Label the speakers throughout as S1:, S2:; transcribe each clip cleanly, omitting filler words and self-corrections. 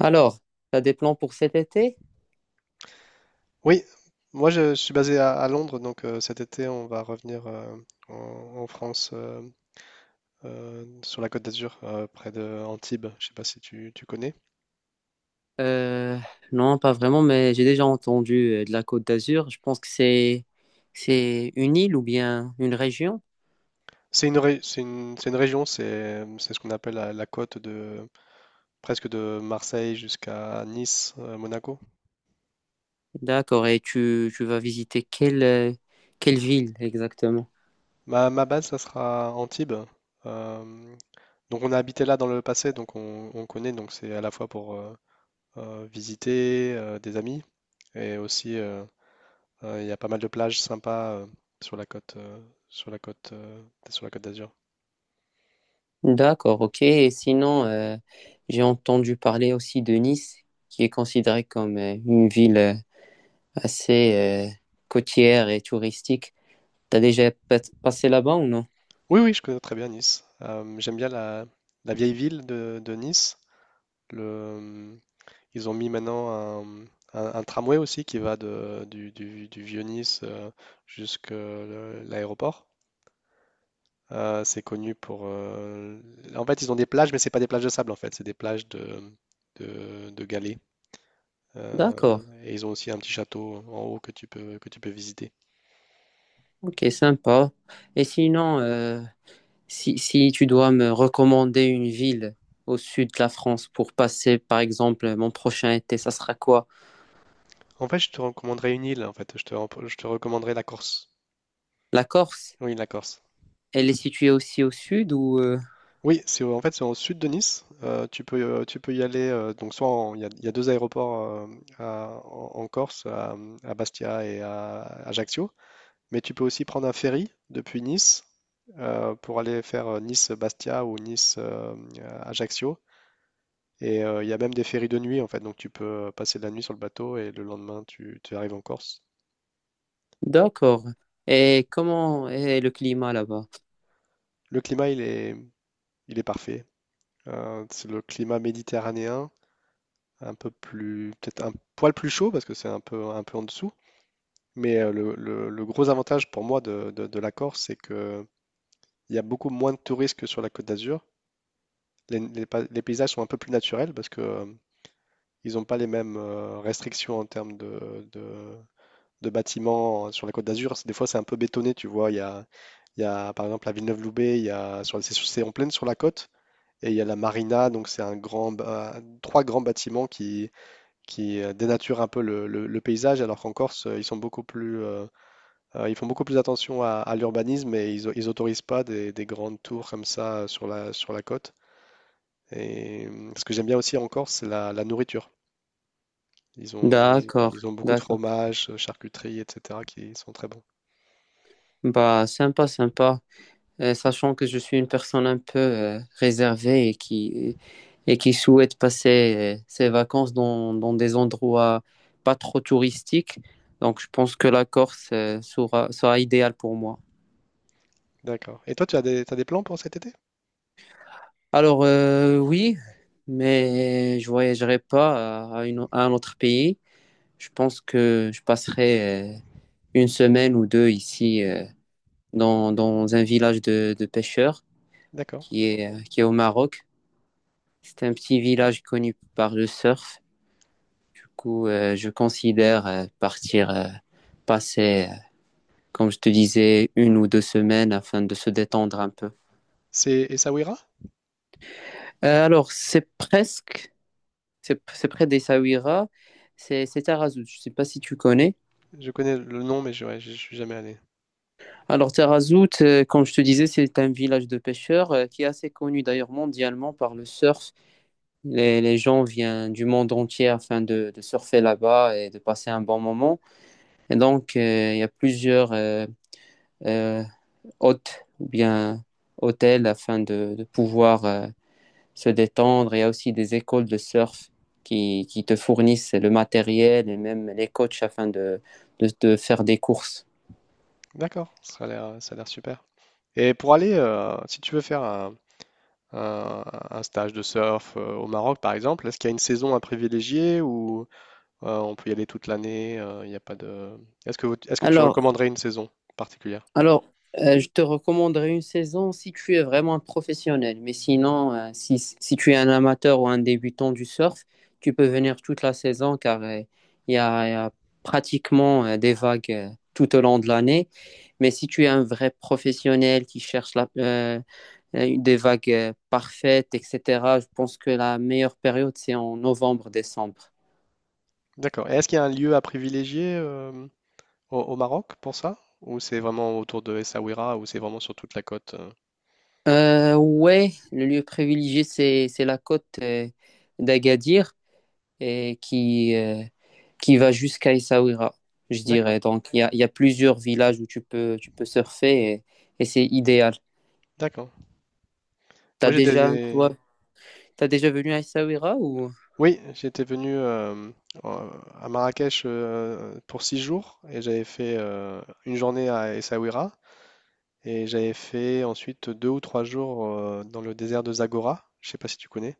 S1: Alors, t'as des plans pour cet été?
S2: Oui, moi je suis basé à Londres, donc cet été on va revenir en France, sur la Côte d'Azur, près de Antibes. Je sais pas si tu connais.
S1: Euh, non, pas vraiment, mais j'ai déjà entendu de la Côte d'Azur. Je pense que c'est une île ou bien une région.
S2: C'est une région, c'est ce qu'on appelle la côte de presque de Marseille jusqu'à Nice, Monaco.
S1: D'accord. Et tu vas visiter quelle quelle ville exactement?
S2: Ma base, ça sera Antibes. Euh, donc on a habité là dans le passé, donc on connaît. Donc c'est à la fois pour visiter des amis et aussi il y a pas mal de plages sympas sur la côte, euh, sur la côte, euh, sur la côte d'Azur.
S1: D'accord, ok. Et sinon, j'ai entendu parler aussi de Nice, qui est considérée comme une ville assez côtière et touristique. Passé là-bas ou non?
S2: Oui, oui, je connais très bien Nice. J'aime bien la vieille ville de Nice. Le, euh, Ils ont mis maintenant un, un tramway aussi qui va du vieux Nice jusqu'à l'aéroport. C'est connu pour. En fait, ils ont des plages, mais c'est pas des plages de sable en fait, c'est des plages de galets.
S1: D'accord.
S2: Et ils ont aussi un petit château en haut que tu peux visiter.
S1: Ok, sympa. Et sinon, si tu dois me recommander une ville au sud de la France pour passer, par exemple, mon prochain été, ça sera quoi?
S2: En fait, je te recommanderais une île, en fait. Je te recommanderais la Corse.
S1: La Corse?
S2: Oui, la Corse.
S1: Elle est située aussi au sud ou...
S2: Oui, c'est au sud de Nice. Tu peux y aller. Donc soit il y a deux aéroports en Corse, à Bastia et à Ajaccio. Mais tu peux aussi prendre un ferry depuis Nice pour aller faire Nice-Bastia ou Nice-Ajaccio. Et il y a même des ferries de nuit en fait. Donc tu peux passer la nuit sur le bateau et le lendemain tu arrives en Corse.
S1: D'accord. Et comment est le climat là-bas?
S2: Le climat il est parfait. C'est le climat méditerranéen, un peu plus, peut-être un poil plus chaud parce que c'est un peu en dessous. Mais le gros avantage pour moi de la Corse, c'est que il y a beaucoup moins de touristes que sur la Côte d'Azur. Les paysages sont un peu plus naturels parce que ils n'ont pas les mêmes restrictions en termes de bâtiments sur la Côte d'Azur. Des fois, c'est un peu bétonné, tu vois. Il y a par exemple à Villeneuve-Loubet, il y a c'est en pleine sur la côte et il y a la marina, donc c'est trois grands bâtiments qui dénature un peu le paysage, alors qu'en Corse, ils sont beaucoup plus, ils font beaucoup plus attention à l'urbanisme et ils autorisent pas des grandes tours comme ça sur la côte. Et ce que j'aime bien aussi en Corse, c'est la nourriture. Ils ont,
S1: D'accord,
S2: ils ont beaucoup de
S1: d'accord.
S2: fromages, charcuteries, etc., qui sont très bons.
S1: Bah, sympa, sympa. Sachant que je suis une personne un peu réservée et qui souhaite passer ses vacances dans des endroits pas trop touristiques. Donc, je pense que la Corse sera idéale pour moi.
S2: D'accord. Et toi, t'as des plans pour cet été?
S1: Alors, oui, mais je voyagerai pas à un autre pays. Je pense que je passerai une semaine ou deux ici dans un village de pêcheurs
S2: D'accord.
S1: qui est au Maroc. C'est un petit village connu par le surf. Du coup, je considère partir passer, comme je te disais, une ou deux semaines afin de se détendre un peu.
S2: C'est Essaouira?
S1: Alors, c'est près d'Essaouira, c'est Tarazout. Je ne sais pas si tu connais.
S2: Je connais le nom, mais ouais, je suis jamais allé.
S1: Alors, Tarazout, comme je te disais, c'est un village de pêcheurs qui est assez connu d'ailleurs mondialement par le surf. Les gens viennent du monde entier afin de surfer là-bas et de passer un bon moment. Et donc, il y a plusieurs euh, hôtes ou bien hôtels afin de pouvoir se détendre. Il y a aussi des écoles de surf qui te fournissent le matériel et même les coachs afin de faire des courses.
S2: D'accord, ça a l'air super. Et pour aller, si tu veux faire un, un stage de surf au Maroc, par exemple? Est-ce qu'il y a une saison à privilégier ou on peut y aller toute l'année? Il n'y a pas de. Est-ce que tu
S1: Alors,
S2: recommanderais une saison particulière?
S1: Alors, je te recommanderais une saison si tu es vraiment un professionnel. Mais sinon, si tu es un amateur ou un débutant du surf, tu peux venir toute la saison car il y a pratiquement des vagues tout au long de l'année. Mais si tu es un vrai professionnel qui cherche des vagues parfaites, etc., je pense que la meilleure période, c'est en novembre-décembre.
S2: D'accord. Et est-ce qu'il y a un lieu à privilégier au Maroc pour ça? Ou c'est vraiment autour de Essaouira ou c'est vraiment sur toute la côte?
S1: Ouais, le lieu privilégié, c'est la côte d'Agadir. Et qui va jusqu'à Essaouira, je
S2: D'accord,
S1: dirais. Donc, il y a plusieurs villages où tu peux surfer et c'est idéal.
S2: d'accord.
S1: T'as
S2: Moi
S1: déjà,
S2: j'étais,
S1: toi, t'as déjà venu à Essaouira ou?
S2: oui, j'étais venu euh, à Marrakech pour 6 jours et j'avais fait une journée à Essaouira. Et j'avais fait ensuite 2 ou 3 jours dans le désert de Zagora. Je sais pas si tu connais.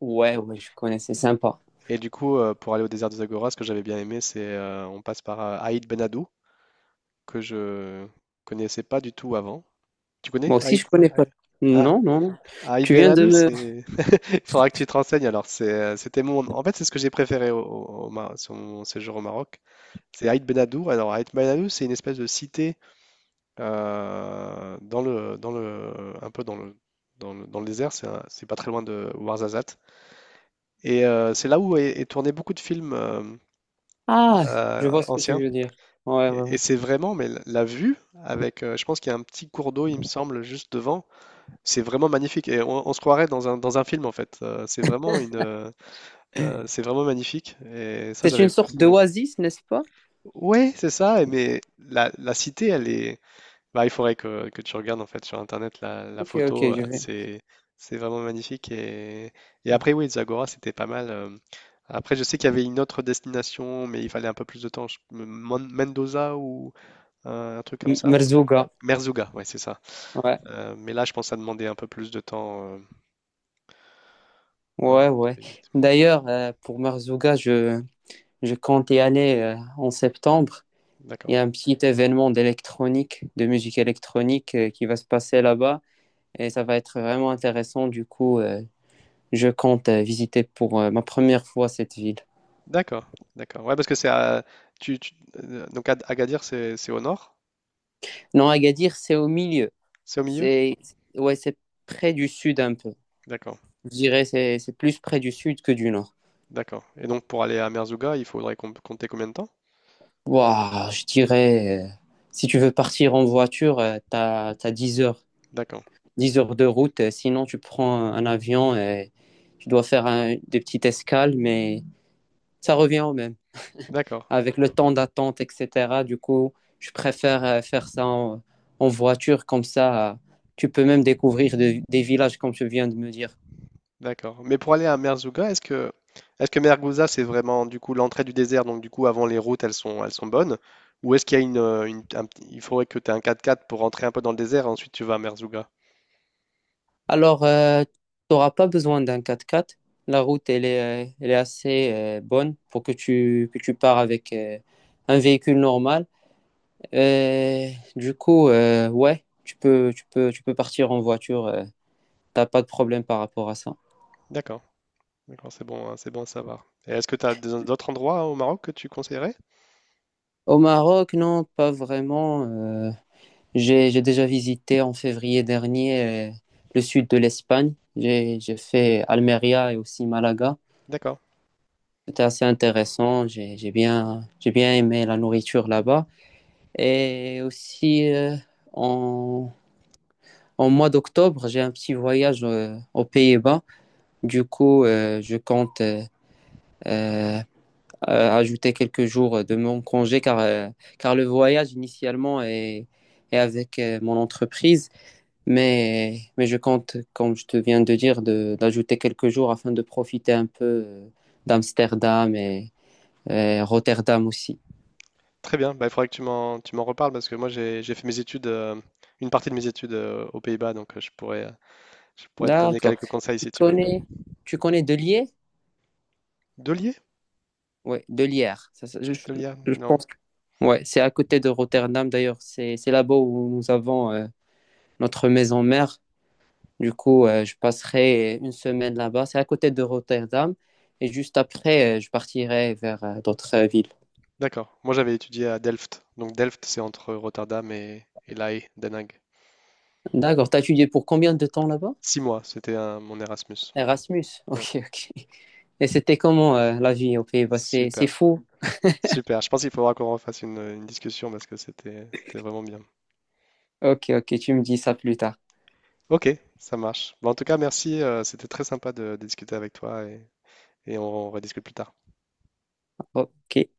S1: Ouais, ouais, je connais, c'est sympa.
S2: Et du coup, pour aller au désert de Zagora, ce que j'avais bien aimé, c'est on passe par Aït Ben Haddou, que je connaissais pas du tout avant. Tu connais
S1: Moi aussi,
S2: Aït?
S1: je connais pas.
S2: Ouais. Ah,
S1: Non, non, non.
S2: Aït
S1: Tu
S2: Ben
S1: viens de
S2: Haddou,
S1: me...
S2: c'est. Il faudra que tu te renseignes. Alors, c'était mon. En fait, c'est ce que j'ai préféré sur mon séjour au Maroc. C'est Aït Ben Haddou. Alors, Aït Ben Haddou, c'est une espèce de cité euh, dans le, dans le, un peu dans le désert, c'est pas très loin de Ouarzazate. Et c'est là où est tourné beaucoup de films
S1: Ah, je vois ce que tu
S2: anciens.
S1: veux dire. Ouais,
S2: Et,
S1: ouais,
S2: et c'est vraiment, mais la vue, avec, je pense qu'il y a un petit cours d'eau, il me semble, juste devant, c'est vraiment magnifique. Et on se croirait dans un film, en fait. C'est vraiment une.
S1: ouais.
S2: C'est vraiment magnifique. Et ça,
S1: C'est une
S2: j'avais.
S1: sorte
S2: Oui,
S1: d'oasis, n'est-ce pas?
S2: ouais, c'est ça. Mais la cité, elle est. Bah, il faudrait que tu regardes en fait sur internet la
S1: Ok,
S2: photo,
S1: ok, je vais.
S2: c'est vraiment magnifique et
S1: Ah.
S2: après oui, Zagora c'était pas mal. Après je sais qu'il y avait une autre destination mais il fallait un peu plus de temps, Mendoza ou un truc comme
S1: M-
S2: ça.
S1: Merzouga.
S2: Merzouga, ouais c'est ça.
S1: Ouais,
S2: Mais là je pense que ça demandait un peu plus de temps euh,
S1: ouais,
S2: de
S1: ouais.
S2: visite.
S1: D'ailleurs, pour je compte y aller en septembre. Il
S2: D'accord,
S1: y a un petit événement d'électronique, de musique électronique qui va se passer là-bas et ça va être vraiment intéressant. Du coup, je compte visiter pour ma première fois cette ville.
S2: d'accord, d'accord. Ouais parce que c'est à tu, tu- donc Agadir c'est au nord?
S1: Non, Agadir, c'est au milieu.
S2: C'est au milieu.
S1: C'est ouais, c'est près du sud un peu.
S2: D'accord,
S1: Je dirais c'est plus près du sud que du nord.
S2: d'accord. Et donc pour aller à Merzouga il faudrait compter combien de temps?
S1: Waouh, je dirais si tu veux partir en voiture, t'as 10 heures.
S2: D'accord.
S1: Dix heures de route. Sinon, tu prends un avion et tu dois faire un- des petites escales, mais ça revient au même.
S2: D'accord,
S1: Avec le temps d'attente, etc. Du coup, je préfère faire ça en voiture, comme ça, tu peux même des villages, comme tu viens de me dire.
S2: d'accord. Mais pour aller à Merzouga, est-ce que Merguza c'est vraiment du coup l'entrée du désert, donc du coup avant les routes elles sont bonnes, ou est-ce qu'il y a il faudrait que tu aies un 4x4 pour rentrer un peu dans le désert, et ensuite tu vas à Merzouga.
S1: Alors, tu n'auras pas besoin d'un 4x4. La route, elle est assez bonne pour que tu pars avec un véhicule normal. Et du coup, ouais, tu peux partir en voiture. T'as pas de problème par rapport à ça.
S2: D'accord, d'accord, c'est bon, hein, c'est bon à savoir. Et est-ce que tu as d'autres endroits au Maroc que tu conseillerais?
S1: Au Maroc, non, pas vraiment. J'ai déjà visité en février dernier le sud de l'Espagne. J'ai fait Almeria et aussi Malaga.
S2: D'accord,
S1: C'était assez intéressant. J'ai bien aimé la nourriture là-bas. Et aussi, en, en mois d'octobre, j'ai un petit voyage aux Pays-Bas. Du coup, je compte euh, ajouter quelques jours de mon congé car, car le voyage initialement est avec mon entreprise, mais je compte, comme je te viens de dire, de, d'ajouter quelques jours afin de profiter un peu d'Amsterdam et Rotterdam aussi.
S2: très bien. Bah, il faudrait que tu m'en reparles parce que moi j'ai fait mes études, une partie de mes études aux Pays-Bas, donc je pourrais te donner
S1: D'accord.
S2: quelques conseils si tu veux.
S1: Tu connais Delier Lier?
S2: Delier?
S1: Oui, De Ça, ça, je, je-
S2: Delia?
S1: je
S2: Non.
S1: pense. Ouais, c'est à côté de Rotterdam d'ailleurs. C'est là-bas où nous avons notre maison mère. Du coup, je passerai une semaine là-bas. C'est à côté de Rotterdam. Et juste après, je partirai vers d'autres villes.
S2: D'accord. Moi, j'avais étudié à Delft. Donc, Delft, c'est entre Rotterdam et La Haye, Den Haag.
S1: D'accord. T'as étudié pour combien de temps là-bas?
S2: 6 mois, c'était mon Erasmus.
S1: Erasmus.
S2: Ouais.
S1: Ok, ok. Et c'était comment la vie aux Pays-Bas? C'est
S2: Super,
S1: fou.
S2: super. Je pense qu'il faudra qu'on refasse une discussion parce que c'était vraiment bien.
S1: Ok, ok. Tu me dis ça plus tard.
S2: Ok, ça marche. Bon, en tout cas, merci. C'était très sympa de discuter avec toi et on rediscute plus tard.
S1: Ok.